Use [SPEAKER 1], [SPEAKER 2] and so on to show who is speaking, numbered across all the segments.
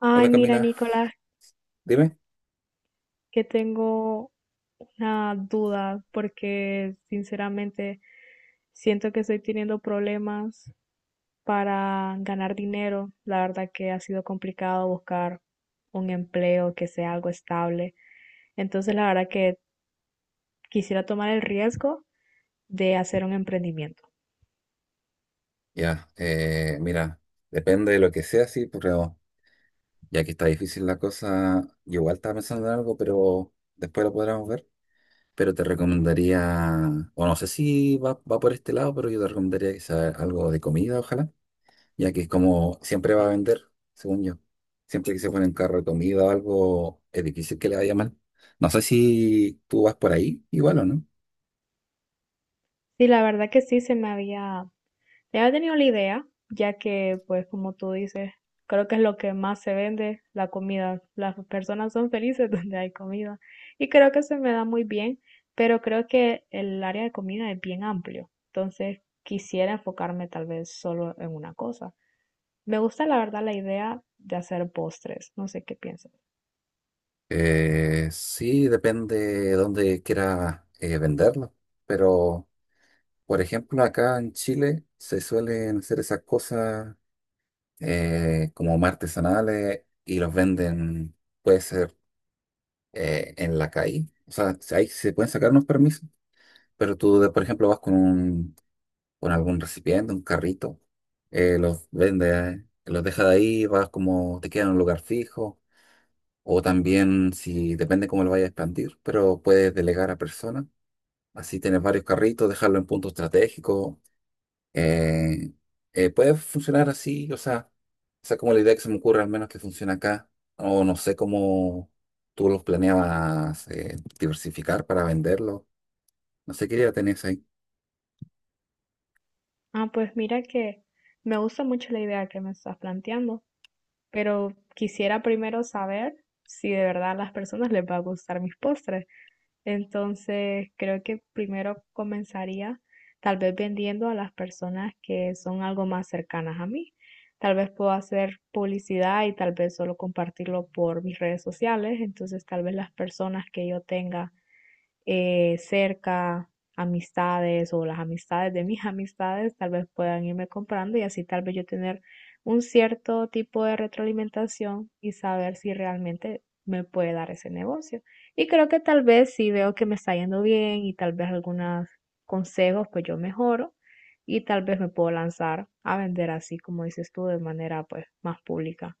[SPEAKER 1] Ay,
[SPEAKER 2] Hola
[SPEAKER 1] mira,
[SPEAKER 2] Camila,
[SPEAKER 1] Nicolás,
[SPEAKER 2] dime.
[SPEAKER 1] que tengo una duda porque sinceramente siento que estoy teniendo problemas para ganar dinero. La verdad que ha sido complicado buscar un empleo que sea algo estable. Entonces, la verdad que quisiera tomar el riesgo de hacer un emprendimiento.
[SPEAKER 2] Ya, mira, depende de lo que sea, sí, pero ya que está difícil la cosa, yo igual estaba pensando en algo, pero después lo podremos ver. Pero te recomendaría, o no sé si va por este lado, pero yo te recomendaría que sea algo de comida, ojalá, ya que es como siempre va a vender, según yo. Siempre que se pone en carro de comida o algo, es difícil que le vaya mal. No sé si tú vas por ahí, igual o no.
[SPEAKER 1] Y la verdad que sí había tenido la idea, ya que, pues, como tú dices, creo que es lo que más se vende, la comida. Las personas son felices donde hay comida. Y creo que se me da muy bien, pero creo que el área de comida es bien amplio. Entonces, quisiera enfocarme tal vez solo en una cosa. Me gusta, la verdad, la idea de hacer postres. No sé qué piensas.
[SPEAKER 2] Sí, depende de dónde quiera venderlo, pero por ejemplo acá en Chile se suelen hacer esas cosas como artesanales y los venden, puede ser en la calle, o sea, si ahí se pueden sacar unos permisos, pero tú, por ejemplo, vas con con algún recipiente, un carrito, los vendes, los dejas de ahí, vas como te queda en un lugar fijo. O también, si depende cómo lo vayas a expandir, pero puedes delegar a personas. Así tienes varios carritos, dejarlo en punto estratégico. eh, Puede funcionar así, o sea, esa es como la idea que se me ocurre, al menos que funciona acá. O no sé cómo tú los planeabas diversificar para venderlo. No sé qué idea tenés ahí.
[SPEAKER 1] Ah, pues mira que me gusta mucho la idea que me estás planteando, pero quisiera primero saber si de verdad a las personas les va a gustar mis postres. Entonces, creo que primero comenzaría tal vez vendiendo a las personas que son algo más cercanas a mí. Tal vez puedo hacer publicidad y tal vez solo compartirlo por mis redes sociales. Entonces, tal vez las personas que yo tenga cerca, amistades o las amistades de mis amistades tal vez puedan irme comprando y así tal vez yo tener un cierto tipo de retroalimentación y saber si realmente me puede dar ese negocio. Y creo que tal vez si veo que me está yendo bien y tal vez algunos consejos, pues yo mejoro y tal vez me puedo lanzar a vender así como dices tú de manera pues más pública.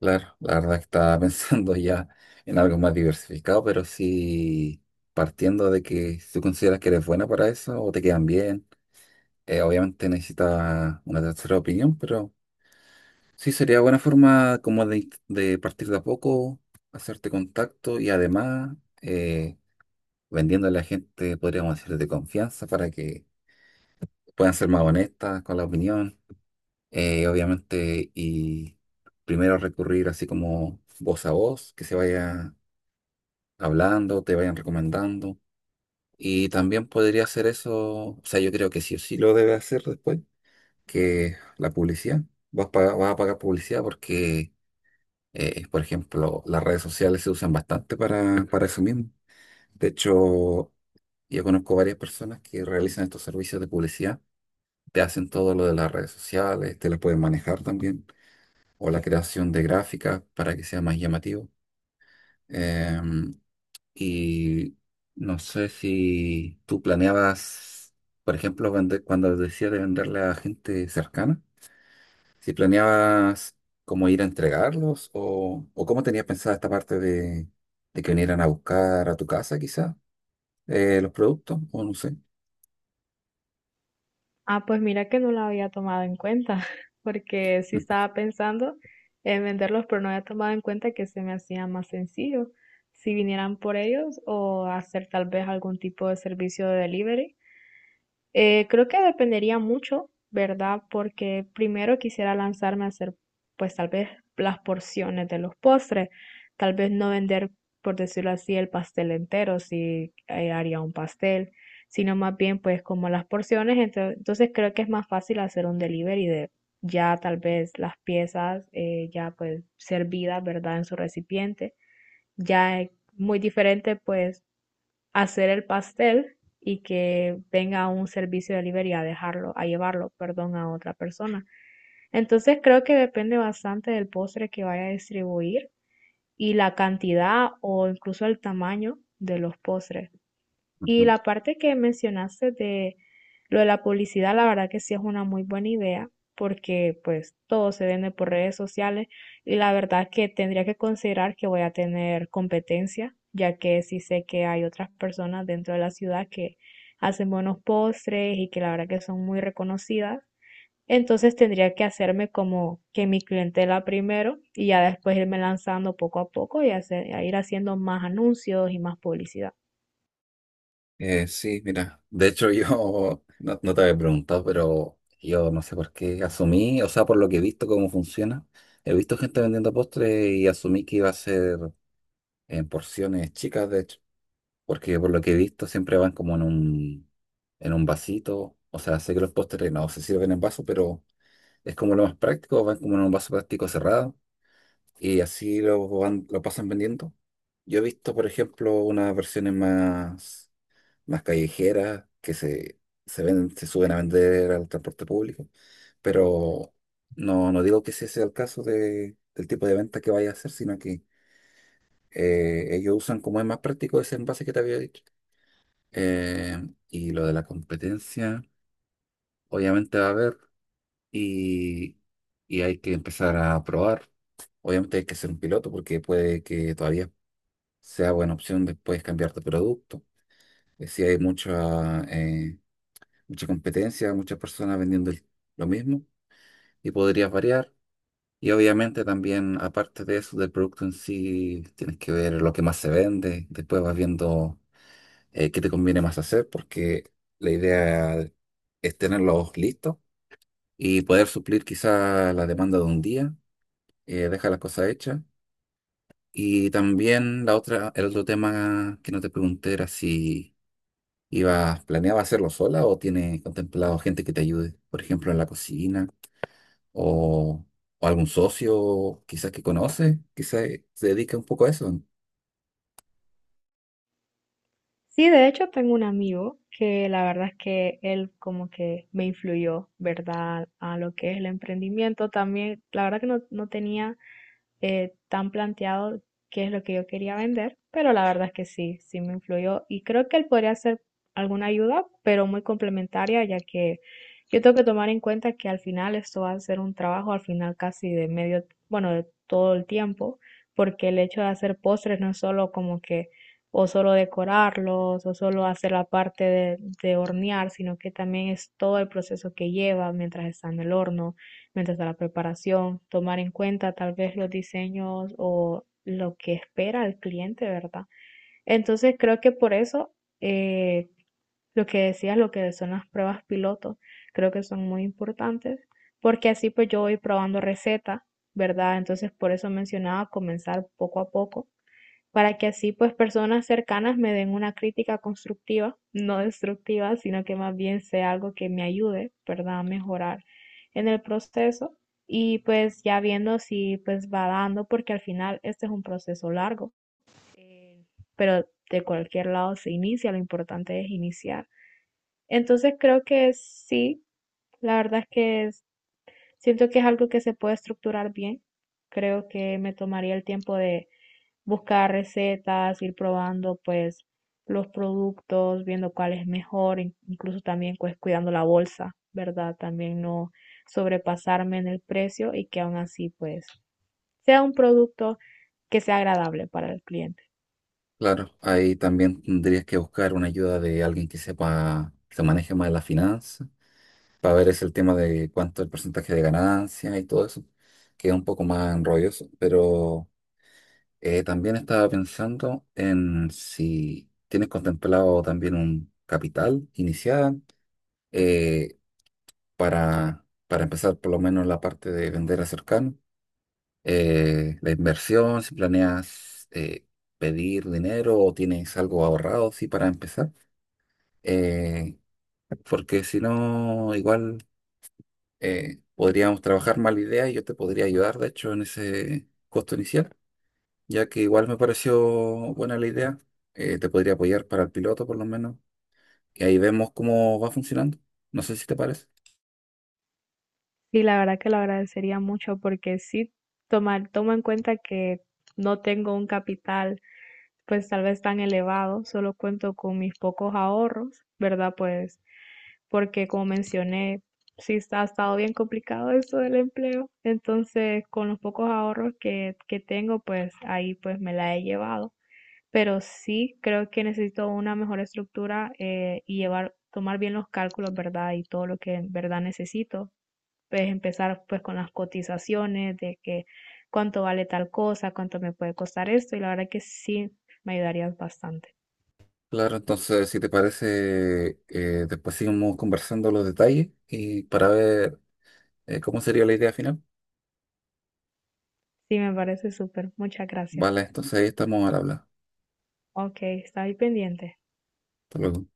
[SPEAKER 2] Claro, la verdad que estaba pensando ya en algo más diversificado, pero sí partiendo de que si tú consideras que eres buena para eso o te quedan bien. Obviamente necesita una tercera opinión, pero sí sería buena forma como de partir de a poco, hacerte contacto y además eh, vendiendo a la gente, podríamos decir, de confianza para que puedan ser más honestas con la opinión. Obviamente, y primero recurrir así como voz a voz, que se vaya hablando, te vayan recomendando. Y también podría hacer eso, o sea, yo creo que sí o sí lo debe hacer después que la publicidad. Vas a pagar publicidad porque, por ejemplo, las redes sociales se usan bastante para eso mismo. De hecho, yo conozco varias personas que realizan estos servicios de publicidad. Te hacen todo lo de las redes sociales, te las pueden manejar también, o la creación de gráficas para que sea más llamativo. Em, y no sé si tú planeabas, por ejemplo, vender, cuando decías de venderle a gente cercana. Si planeabas cómo ir a entregarlos o cómo tenías pensada esta parte de que vinieran a buscar a tu casa, quizá, los productos, o no sé.
[SPEAKER 1] Ah, pues mira que no la había tomado en cuenta, porque sí estaba pensando en venderlos, pero no había tomado en cuenta que se me hacía más sencillo si vinieran por ellos o hacer tal vez algún tipo de servicio de delivery. Creo que dependería mucho, ¿verdad? Porque primero quisiera lanzarme a hacer, pues tal vez las porciones de los postres, tal vez no vender, por decirlo así, el pastel entero, si haría un pastel, sino más bien pues como las porciones, entonces creo que es más fácil hacer un delivery de ya tal vez las piezas ya pues servidas, ¿verdad? En su recipiente. Ya es muy diferente pues hacer el pastel y que venga un servicio de delivery a dejarlo, a llevarlo, perdón, a otra persona. Entonces creo que depende bastante del postre que vaya a distribuir y la cantidad o incluso el tamaño de los postres. Y la parte que mencionaste de lo de la publicidad, la verdad que sí es una muy buena idea, porque pues todo se vende por redes sociales y la verdad que tendría que considerar que voy a tener competencia, ya que sí sé que hay otras personas dentro de la ciudad que hacen buenos postres y que la verdad que son muy reconocidas. Entonces tendría que hacerme como que mi clientela primero y ya después irme lanzando poco a poco y hacer, ir haciendo más anuncios y más publicidad.
[SPEAKER 2] Sí, mira, de hecho yo no te había preguntado, pero yo no sé por qué asumí, o sea, por lo que he visto cómo funciona, he visto gente vendiendo postres y asumí que iba a ser en porciones chicas, de hecho, porque por lo que he visto siempre van como en en un vasito, o sea, sé que los postres no se sirven en vaso, pero es como lo más práctico, van como en un vaso plástico cerrado y así lo, van, lo pasan vendiendo. Yo he visto, por ejemplo, unas versiones más callejeras se ven, se suben a vender al transporte público, pero no digo que ese sea el caso del tipo de venta que vaya a hacer, sino que ellos usan como es más práctico ese envase que te había dicho. Eh, y lo de la competencia, obviamente va a haber y, y hay que empezar a probar. Obviamente hay que ser un piloto porque puede que todavía sea buena opción después cambiar de producto. Si hay mucha competencia, muchas personas vendiendo lo mismo y podrías variar. Y obviamente también, aparte de eso, del producto en sí, tienes que ver lo que más se vende. Después vas viendo qué te conviene más hacer porque la idea es tenerlos listos y poder suplir quizá la demanda de un día. Deja las cosas hechas. Y también la otra, el otro tema que no te pregunté era si ibas, planeabas hacerlo sola o tiene contemplado gente que te ayude, por ejemplo, en la cocina o, o algún socio quizás que conoce, quizás se dedica un poco a eso.
[SPEAKER 1] Sí, de hecho tengo un amigo que la verdad es que él como que me influyó, ¿verdad? A lo que es el emprendimiento. También, la verdad que no tenía tan planteado qué es lo que yo quería vender, pero la verdad es que sí me influyó y creo que él podría ser alguna ayuda, pero muy complementaria, ya que yo tengo que tomar en cuenta que al final esto va a ser un trabajo al final casi de medio, bueno, de todo el tiempo, porque el hecho de hacer postres no es solo como que o solo decorarlos o solo hacer la parte de hornear, sino que también es todo el proceso que lleva mientras está en el horno mientras a la preparación, tomar en cuenta tal vez los diseños o lo que espera el cliente, ¿verdad? Entonces creo que por eso eh, lo que decías, lo que son las pruebas piloto, creo que son muy importantes, porque así pues yo voy probando recetas, ¿verdad? Entonces por eso mencionaba comenzar poco a poco para que así pues personas cercanas me den una crítica constructiva, no destructiva, sino que más bien sea algo que me ayude, ¿verdad?, a mejorar en el proceso y pues ya viendo si pues va dando, porque al final este es un proceso largo, eh, pero de cualquier lado se inicia, lo importante es iniciar. Entonces creo que sí, la verdad es que siento que es algo que se puede estructurar bien. Creo que me tomaría el tiempo de buscar recetas, ir probando pues los productos, viendo cuál es mejor, incluso también pues cuidando la bolsa, ¿verdad? También no sobrepasarme en el precio y que aún así pues sea un producto que sea agradable para el cliente.
[SPEAKER 2] Claro, ahí también tendrías que buscar una ayuda de alguien que sepa, que se maneje más las finanzas, para ver es el tema de cuánto el porcentaje de ganancia y todo eso, que es un poco más enrolloso, pero... También estaba pensando en si tienes contemplado también un capital inicial eh, para empezar por lo menos la parte de vender a cercano, la inversión, si planeas pedir dinero o tienes algo ahorrado, sí, para empezar, eh, porque si no, igual podríamos trabajar más la idea y yo te podría ayudar, de hecho, en ese costo inicial. Ya que igual me pareció buena la idea. Te podría apoyar para el piloto, por lo menos. Y ahí vemos cómo va funcionando. No sé si te parece.
[SPEAKER 1] Y la verdad que lo agradecería mucho porque sí tomo en cuenta que no tengo un capital pues tal vez tan elevado, solo cuento con mis pocos ahorros, ¿verdad? Pues porque como mencioné, sí está, ha estado bien complicado esto del empleo, entonces con los pocos ahorros que tengo, pues ahí pues me la he llevado, pero sí creo que necesito una mejor estructura y tomar bien los cálculos, ¿verdad? Y todo lo que en verdad necesito pues empezar pues con las cotizaciones de que cuánto vale tal cosa, cuánto me puede costar esto y la verdad que sí me ayudarías bastante.
[SPEAKER 2] Claro, entonces, si te parece, después seguimos conversando los detalles y para ver cómo sería la idea final.
[SPEAKER 1] Sí, me parece súper. Muchas gracias.
[SPEAKER 2] Vale, entonces ahí estamos al habla.
[SPEAKER 1] Ok, está ahí pendiente.
[SPEAKER 2] Hasta luego.